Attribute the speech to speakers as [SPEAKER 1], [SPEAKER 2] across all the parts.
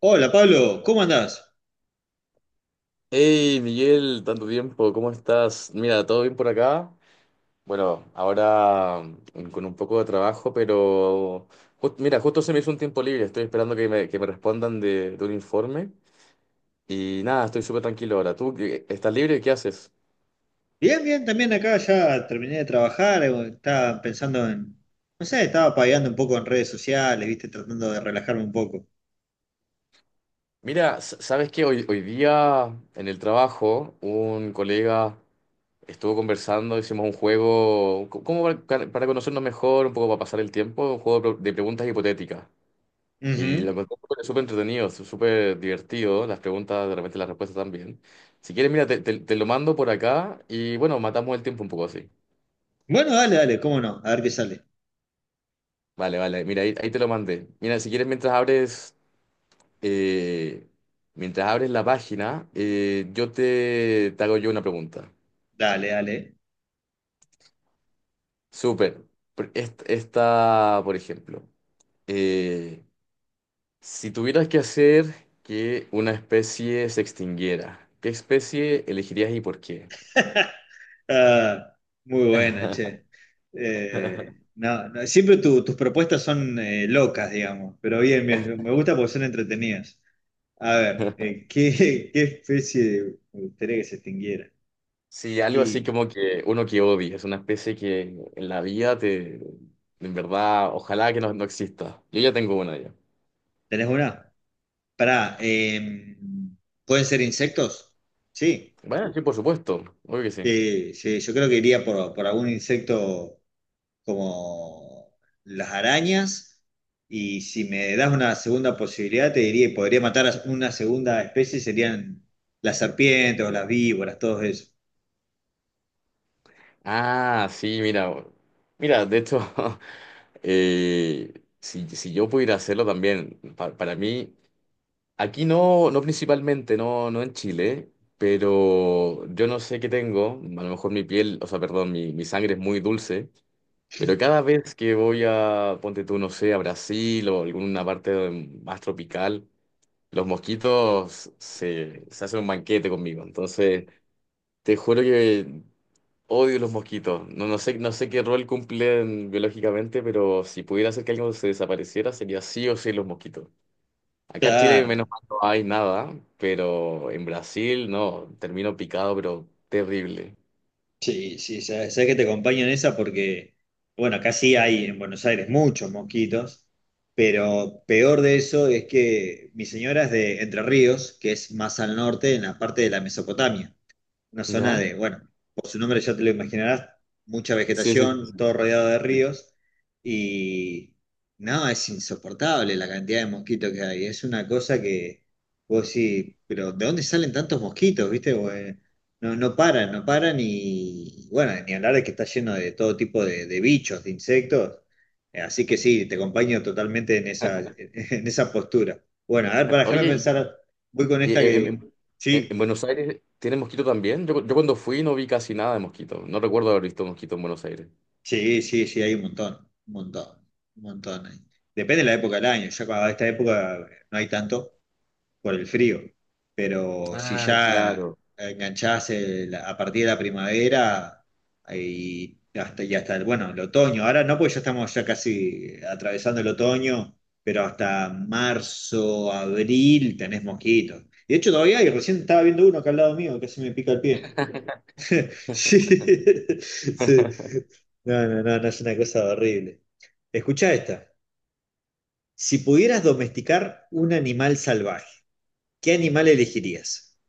[SPEAKER 1] Hola Pablo, ¿cómo andás?
[SPEAKER 2] Hey Miguel, tanto tiempo, ¿cómo estás? Mira, ¿todo bien por acá? Bueno, ahora con un poco de trabajo, pero mira, justo se me hizo un tiempo libre, estoy esperando que me respondan de un informe y nada, estoy súper tranquilo ahora. ¿Tú estás libre? ¿Qué haces?
[SPEAKER 1] Bien, bien, también acá ya terminé de trabajar, estaba pensando en, no sé, estaba pagando un poco en redes sociales, viste, tratando de relajarme un poco.
[SPEAKER 2] Mira, sabes que hoy día en el trabajo un colega estuvo conversando, hicimos un juego, como para conocernos mejor, un poco para pasar el tiempo, un juego de de preguntas hipotéticas. Y lo
[SPEAKER 1] Ujú.
[SPEAKER 2] encontré súper súper entretenido, súper divertido, las preguntas, de repente las respuestas también. Si quieres, mira, te lo mando por acá y bueno, matamos el tiempo un poco así.
[SPEAKER 1] Bueno, dale, dale, cómo no, a ver qué sale.
[SPEAKER 2] Vale, vale, mira, ahí te lo mandé. Mira, si quieres, eh, mientras abres la página, yo te hago yo una pregunta.
[SPEAKER 1] Dale, dale.
[SPEAKER 2] Súper. Esta, por ejemplo, eh, si tuvieras que hacer que una especie se extinguiera, ¿qué especie elegirías y por qué?
[SPEAKER 1] Ah, muy buena, che. No, no, siempre tus propuestas son locas, digamos, pero bien, bien, me gusta porque son entretenidas. A ver, ¿qué, qué especie me gustaría que se extinguiera?
[SPEAKER 2] Sí, algo así
[SPEAKER 1] ¿Y
[SPEAKER 2] como que uno que odia, es una especie que en la vida en verdad, ojalá que no, no exista. Yo ya tengo una ya.
[SPEAKER 1] tenés una? Pará, ¿pueden ser insectos? Sí,
[SPEAKER 2] Bueno, sí, por supuesto, obvio que sí.
[SPEAKER 1] sí, sí, yo creo que iría por algún insecto como las arañas. Y si me das una segunda posibilidad, te diría, podría matar a una segunda especie, serían las serpientes o las víboras, todo eso.
[SPEAKER 2] Ah, sí, mira, de hecho, eh, si yo pudiera hacerlo también, para mí, aquí no, no principalmente, no, no en Chile, pero yo no sé qué tengo, a lo mejor mi piel, o sea, perdón, mi sangre es muy dulce. Pero cada vez que voy ponte tú, no sé, a Brasil o alguna parte más tropical, los mosquitos se hacen un banquete conmigo. Entonces, te juro que odio los mosquitos. No, no sé qué rol cumplen biológicamente, pero si pudiera hacer que algo se desapareciera, sería sí o sí los mosquitos. Acá en Chile, menos
[SPEAKER 1] Claro.
[SPEAKER 2] mal, no hay nada, pero en Brasil, no, termino picado, pero terrible.
[SPEAKER 1] Sí, sí, sabes, que te acompaño en esa porque, bueno, acá sí hay en Buenos Aires muchos mosquitos, pero peor de eso es que mi señora es de Entre Ríos, que es más al norte, en la parte de la Mesopotamia. Una zona
[SPEAKER 2] ¿Ya?
[SPEAKER 1] de, bueno, por su nombre ya te lo imaginarás, mucha
[SPEAKER 2] Sí, sí,
[SPEAKER 1] vegetación, todo rodeado de
[SPEAKER 2] sí.
[SPEAKER 1] ríos y no, es insoportable la cantidad de mosquitos que hay. Es una cosa que vos sí, pero ¿de dónde salen tantos mosquitos? ¿Viste? Vos, no, no paran y bueno, ni hablar de que está lleno de todo tipo de bichos, de insectos. Así que sí, te acompaño totalmente en esa, en esa postura. Bueno, a ver, para dejarme
[SPEAKER 2] Oye,
[SPEAKER 1] pensar, voy con
[SPEAKER 2] Y
[SPEAKER 1] esta
[SPEAKER 2] eh, en,
[SPEAKER 1] que
[SPEAKER 2] en-
[SPEAKER 1] sí.
[SPEAKER 2] Buenos Aires tiene mosquito también. Yo cuando fui no vi casi nada de mosquito. No recuerdo haber visto mosquito en Buenos Aires.
[SPEAKER 1] Sí, sí, sí, hay un montón, un montón, un montón. Depende de la época del año. Ya cuando esta época no hay tanto por el frío, pero si
[SPEAKER 2] Ah,
[SPEAKER 1] ya
[SPEAKER 2] claro.
[SPEAKER 1] enganchás a partir de la primavera y hasta el, bueno, el otoño. Ahora no, porque ya estamos ya casi atravesando el otoño, pero hasta marzo, abril tenés mosquitos. Y de hecho, todavía hay, recién estaba viendo uno acá al lado mío, casi me pica el pie. Sí, sí. No, no, no, no es una cosa horrible. Escucha esta. Si pudieras domesticar un animal salvaje, ¿qué animal elegirías?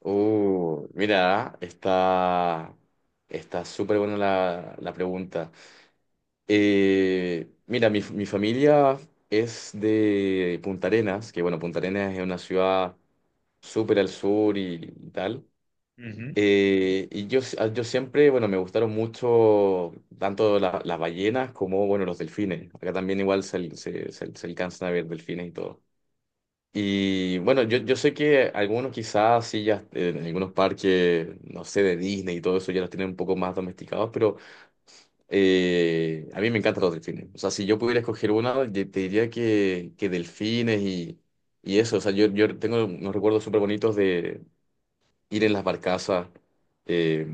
[SPEAKER 2] Mira, está súper buena la pregunta. Mira, mi familia es de Punta Arenas, que bueno, Punta Arenas es una ciudad súper al sur y tal.
[SPEAKER 1] Ujú.
[SPEAKER 2] Y yo siempre, bueno, me gustaron mucho tanto las ballenas como, bueno, los delfines. Acá también igual se, al- se alcanzan a ver delfines y todo. Y bueno, yo sé que algunos quizás sí ya en algunos parques, no sé, de Disney y todo eso ya los tienen un poco más domesticados, pero a mí me encantan los delfines. O sea, si yo pudiera escoger una, yo te diría que delfines y eso. O sea, yo tengo unos recuerdos súper bonitos ir en las barcazas, eh,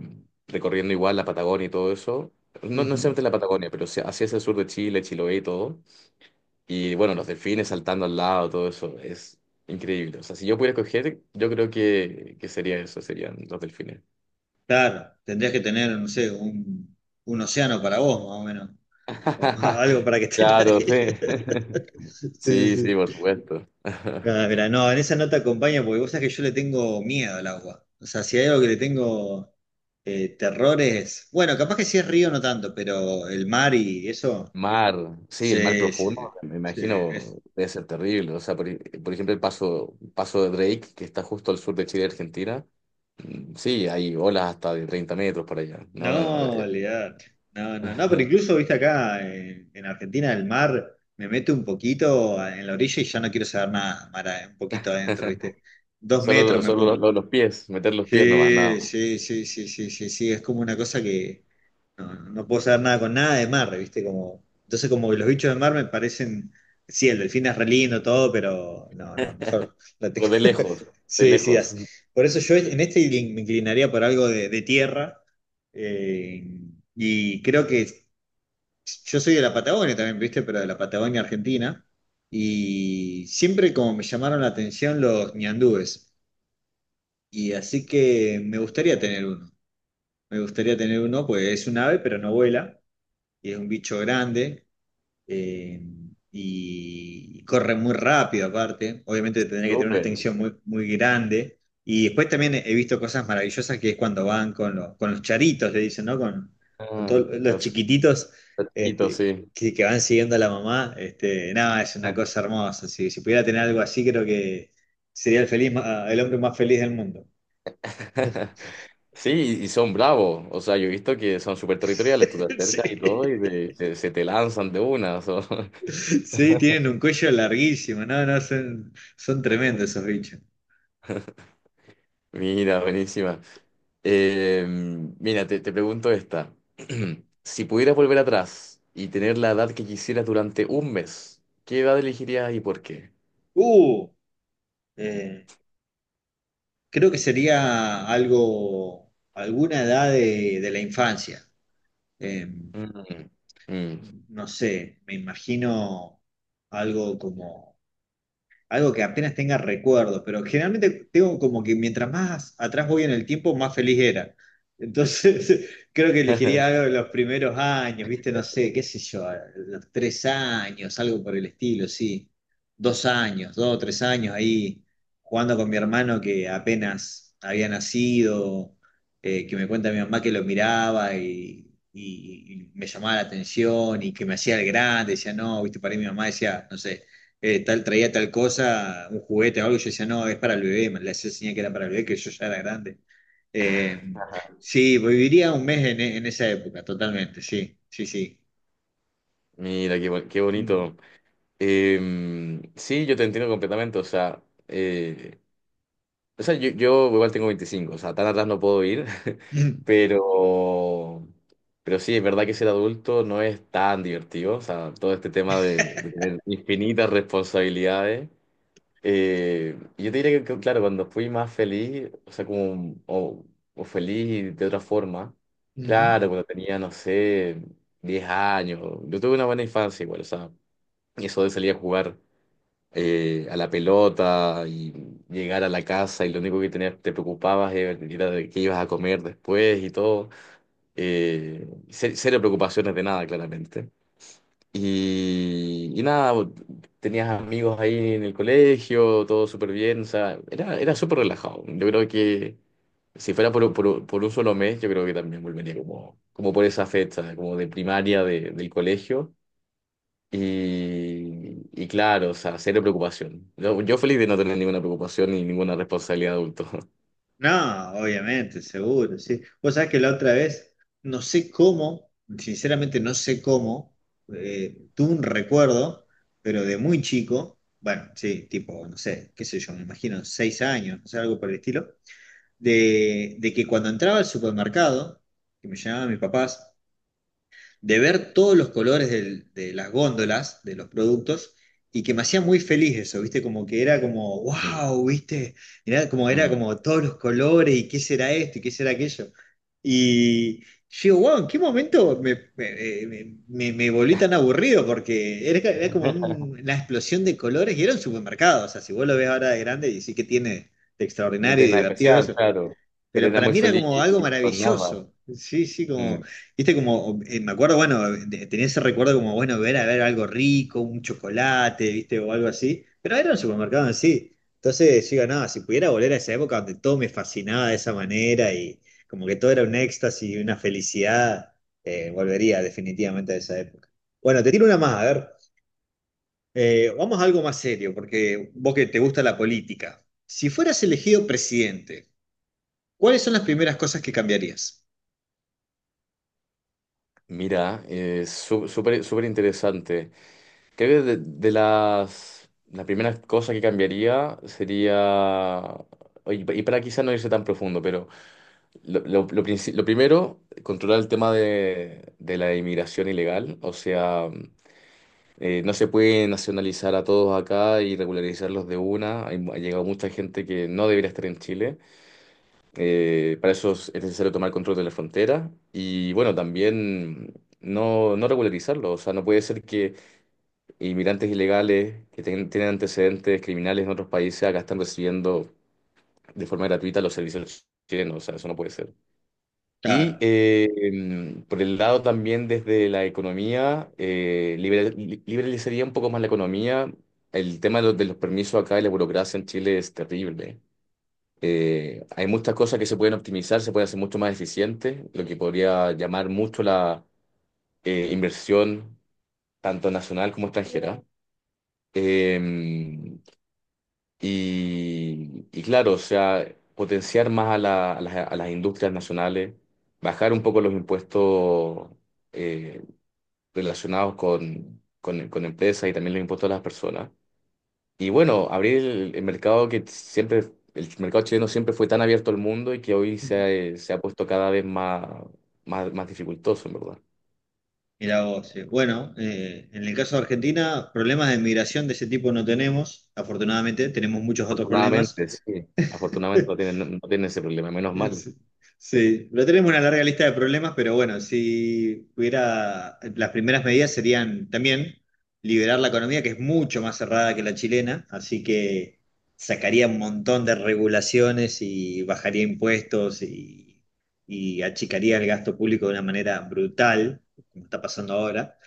[SPEAKER 2] recorriendo igual la Patagonia y todo eso. No, no
[SPEAKER 1] Ujú.
[SPEAKER 2] necesariamente la Patagonia, pero sí hacia el sur de Chile, Chiloé y todo. Y bueno, los delfines saltando al lado, todo eso es increíble. O sea, si yo pudiera escoger, yo creo que sería eso, serían los delfines.
[SPEAKER 1] Claro, tendrías que tener, no sé, un océano para vos, más o menos. O algo para que esté
[SPEAKER 2] Claro,
[SPEAKER 1] nadie.
[SPEAKER 2] sí.
[SPEAKER 1] Sí,
[SPEAKER 2] Sí, sí,
[SPEAKER 1] sí.
[SPEAKER 2] por supuesto.
[SPEAKER 1] Ah, mira, no, en esa nota acompaña porque vos sabés que yo le tengo miedo al agua. O sea, si hay algo que le tengo terror es. Bueno, capaz que si es río no tanto, pero el mar y eso.
[SPEAKER 2] Mar, sí, el mar
[SPEAKER 1] Se,
[SPEAKER 2] profundo,
[SPEAKER 1] se,
[SPEAKER 2] me imagino,
[SPEAKER 1] se- es-
[SPEAKER 2] debe ser terrible. O sea, por ejemplo, el paso de Drake, que está justo al sur de Chile y Argentina. Sí, hay olas hasta de 30 metros por allá. No, no, no.
[SPEAKER 1] no, olvidate. No, no, no, pero incluso, viste, acá en, Argentina el mar me mete un poquito en la orilla y ya no quiero saber nada, mar, un poquito adentro, viste. Dos
[SPEAKER 2] Solo,
[SPEAKER 1] metros me
[SPEAKER 2] solo los,
[SPEAKER 1] pongo.
[SPEAKER 2] los- los pies, meter los pies nomás, nada
[SPEAKER 1] Sí,
[SPEAKER 2] más.
[SPEAKER 1] sí, sí, sí, sí, sí, sí, es como una cosa que. No, no puedo saber nada con nada de mar, ¿viste? Como, entonces como que los bichos de mar me parecen, sí, el delfín es re lindo todo, pero no, no, mejor la
[SPEAKER 2] Pero de lejos, de
[SPEAKER 1] Sí, sí,
[SPEAKER 2] lejos.
[SPEAKER 1] por eso yo en este me inclinaría por algo de, tierra eh, y creo que yo soy de la Patagonia también, ¿viste? Pero de la Patagonia Argentina y siempre como me llamaron la atención los ñandúes y así que me gustaría tener uno. Me gustaría tener uno, pues es un ave, pero no vuela y es un bicho grande eh, y corre muy rápido aparte. Obviamente tendría que tener una
[SPEAKER 2] Súper.
[SPEAKER 1] extensión muy, muy grande. Y después también he visto cosas maravillosas que es cuando van con, con los charitos, le dicen, ¿no? Con
[SPEAKER 2] Ah,
[SPEAKER 1] todos los
[SPEAKER 2] cos-
[SPEAKER 1] chiquititos
[SPEAKER 2] cerquito,
[SPEAKER 1] este,
[SPEAKER 2] sí.
[SPEAKER 1] que van siguiendo a la mamá. Este, nada, es una cosa hermosa. Si pudiera tener algo así, creo que sería el hombre más feliz del mundo.
[SPEAKER 2] Sí, y son bravos. O sea, yo he visto que son súper territoriales. Tú te acercas y
[SPEAKER 1] Sí.
[SPEAKER 2] todo y se te lanzan de una.
[SPEAKER 1] Sí, tienen un cuello larguísimo, no, no, son tremendos esos bichos.
[SPEAKER 2] Mira, buenísima. Eh, mira, te pregunto esta. Si pudieras volver atrás y tener la edad que quisieras durante un mes, ¿qué edad elegirías y por qué?
[SPEAKER 1] Uh, eh, creo que sería algo, alguna edad de la infancia. Eh,
[SPEAKER 2] Mm, mm.
[SPEAKER 1] no sé, me imagino algo como algo que apenas tenga recuerdos, pero generalmente tengo como que mientras más atrás voy en el tiempo, más feliz era. Entonces, creo que elegiría algo de los primeros años, ¿viste? No sé, qué sé yo, los 3 años, algo por el estilo, sí. 2 años, 2 o 3 años ahí jugando con mi hermano que apenas había nacido, que me cuenta mi mamá que lo miraba y me llamaba la atención y que me hacía el grande, decía, no, ¿viste? Para mí mi mamá decía, no sé tal, traía tal cosa, un juguete o algo, y yo decía, no, es para el bebé, me la hacía señal que era para el bebé, que yo ya era grande. Eh, sí, viviría un mes en esa época, totalmente, sí, sí, sí.
[SPEAKER 2] Mira, qué
[SPEAKER 1] Mm.
[SPEAKER 2] bonito. Sí, yo te entiendo completamente. Eh, o sea yo igual tengo 25, o sea, tan atrás no puedo ir, pero, pero sí, es verdad que ser adulto no es tan divertido. O sea, todo este tema de tener infinitas responsabilidades. Yo te diría que, claro, cuando fui más feliz, o sea, como, o feliz de otra forma,
[SPEAKER 1] Ujú.
[SPEAKER 2] claro, cuando tenía, no sé, 10 años, yo tuve una buena infancia igual, o sea, y eso de salir a jugar a la pelota y llegar a la casa y lo único que tenías, te preocupabas era de qué ibas a comer después y todo, cero preocupaciones de nada, claramente. Y nada, tenías amigos ahí en el colegio, todo súper bien, o sea, era súper relajado. Yo creo que si fuera por un solo mes, yo creo que también volvería como, por esa fecha, como de primaria del colegio. Y claro, o sea, cero preocupación. Yo feliz de no tener ninguna preocupación ni ninguna responsabilidad de adulto.
[SPEAKER 1] No, obviamente, seguro, sí. Vos sabés que la otra vez, no sé cómo, sinceramente no sé cómo, tuve un recuerdo, pero de muy chico, bueno, sí, tipo, no sé, qué sé yo, me imagino 6 años, no sé, algo por el estilo, de, que cuando entraba al supermercado, que me llamaban mis papás, de ver todos los colores de las góndolas, de los productos, y que me hacía muy feliz eso, ¿viste? Como que era como, wow, ¿viste?
[SPEAKER 2] Mm.
[SPEAKER 1] Era
[SPEAKER 2] Ujú.
[SPEAKER 1] como todos los colores, y qué será esto, y qué será aquello. Y yo digo, wow, ¿en qué momento me volví tan aburrido? Porque era como una explosión de colores y era un supermercado. O sea, si vos lo ves ahora de grande, y sí que tiene de
[SPEAKER 2] No
[SPEAKER 1] extraordinario y
[SPEAKER 2] tiene nada
[SPEAKER 1] divertido
[SPEAKER 2] especial,
[SPEAKER 1] eso.
[SPEAKER 2] claro, pero
[SPEAKER 1] Pero
[SPEAKER 2] era
[SPEAKER 1] para
[SPEAKER 2] muy
[SPEAKER 1] mí era
[SPEAKER 2] feliz
[SPEAKER 1] como algo
[SPEAKER 2] con nada.
[SPEAKER 1] maravilloso. Sí, sí, como, viste, como, me acuerdo, bueno, tenía ese recuerdo como, bueno, ver a ver algo rico, un chocolate, viste, o algo así. Pero era un supermercado en sí. Entonces, yo digo, no, si pudiera volver a esa época donde todo me fascinaba de esa manera y como que todo era un éxtasis y una felicidad, volvería definitivamente a esa época. Bueno, te tiro una más, a ver. Vamos a algo más serio, porque vos que te gusta la política. Si fueras elegido presidente, ¿cuáles son las primeras cosas que cambiarías?
[SPEAKER 2] Mira, es súper súper interesante. Creo que de las la primera cosa que cambiaría sería, oye, y para quizá no irse tan profundo, pero lo primero, controlar el tema de la inmigración ilegal. O sea, no se puede nacionalizar a todos acá y regularizarlos de una. Hay ha llegado mucha gente que no debería estar en Chile. Para eso es necesario tomar control de la frontera y bueno, también no, no regularizarlo. O sea, no puede ser que inmigrantes ilegales que tienen antecedentes criminales en otros países acá están recibiendo de forma gratuita los servicios chilenos. O sea, eso no puede ser. Y
[SPEAKER 1] Claro.
[SPEAKER 2] por el lado también desde la economía, liberalizaría un poco más la economía. El tema de los permisos acá y la burocracia en Chile es terrible. Hay muchas cosas que se pueden optimizar, se puede hacer mucho más eficiente, lo que podría llamar mucho la inversión, tanto nacional como extranjera. Eh, y claro, o sea, potenciar más a las industrias nacionales, bajar un poco los impuestos eh, relacionados con empresas y también los impuestos a las personas. Y bueno, abrir el mercado que siempre, el mercado chileno siempre fue tan abierto al mundo y que hoy se
[SPEAKER 1] Ujú.
[SPEAKER 2] ha, eh, se ha puesto cada vez más, dificultoso, en verdad.
[SPEAKER 1] Mira vos. Bueno, en el caso de Argentina, problemas de migración de ese tipo no tenemos. Afortunadamente, tenemos muchos otros problemas.
[SPEAKER 2] Afortunadamente, sí. Afortunadamente no tienen, no tienen ese problema, menos mal,
[SPEAKER 1] Es- Sí, pero tenemos una larga lista de problemas, pero bueno, si hubiera, las primeras medidas serían también liberar la economía, que es mucho más cerrada que la chilena, así que sacaría un montón de regulaciones y bajaría impuestos y achicaría el gasto público de una manera brutal, como está pasando ahora.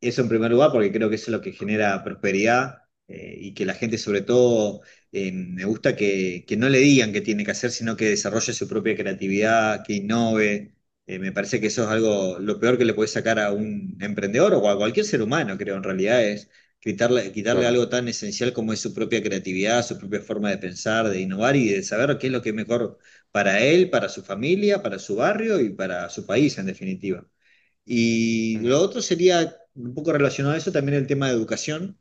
[SPEAKER 1] Eso en primer lugar, porque creo que eso es lo que genera prosperidad y que la gente sobre todo me gusta que, no le digan qué tiene que hacer, sino que desarrolle su propia creatividad, que innove. Me parece que eso es algo, lo peor que le puede sacar a un emprendedor o a cualquier ser humano, creo, en realidad es quitarle, quitarle
[SPEAKER 2] claro.
[SPEAKER 1] algo tan esencial como es su propia creatividad, su propia forma de pensar, de innovar y de saber qué es lo que es mejor para él, para su familia, para su barrio y para su país, en definitiva. Y
[SPEAKER 2] Mm,
[SPEAKER 1] lo otro sería un poco relacionado a eso también el tema de educación.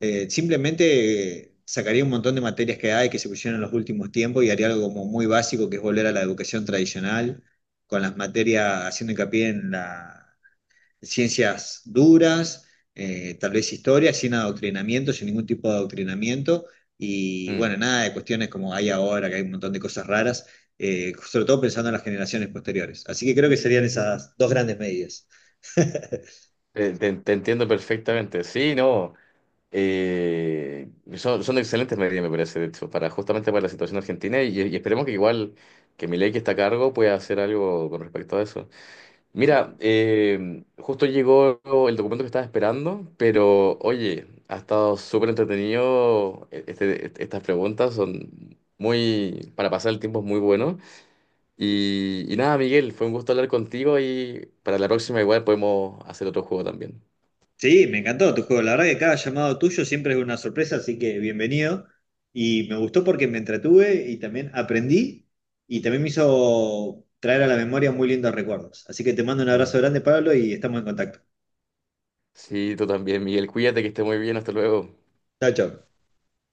[SPEAKER 1] Simplemente sacaría un montón de materias que hay que se pusieron en los últimos tiempos y haría algo como muy básico que es volver a la educación tradicional, con las materias haciendo hincapié en las ciencias duras, tal vez historia, sin adoctrinamiento, sin ningún tipo de adoctrinamiento. Y
[SPEAKER 2] mm.
[SPEAKER 1] bueno, nada de cuestiones como hay ahora, que hay un montón de cosas raras, sobre todo pensando en las generaciones posteriores. Así que creo que serían esas dos grandes medidas.
[SPEAKER 2] Te entiendo perfectamente. Sí, no. eh, son excelentes medidas, me parece, de hecho, para justamente para la situación argentina y esperemos que igual que Milei que está a cargo pueda hacer algo con respecto a eso. Mira, justo llegó el documento que estaba esperando, pero oye, ha estado súper entretenido. Estas preguntas son muy, para pasar el tiempo es muy bueno. Y nada, Miguel, fue un gusto hablar contigo y para la próxima igual podemos hacer otro juego también.
[SPEAKER 1] Sí, me encantó tu juego. La verdad que cada llamado tuyo siempre es una sorpresa, así que bienvenido. Y me gustó porque me entretuve y también aprendí y también me hizo traer a la memoria muy lindos recuerdos. Así que te mando un abrazo
[SPEAKER 2] Mm.
[SPEAKER 1] grande, Pablo, y estamos en contacto.
[SPEAKER 2] Sí, tú también, Miguel, cuídate que esté muy bien, hasta luego.
[SPEAKER 1] Chao, chao.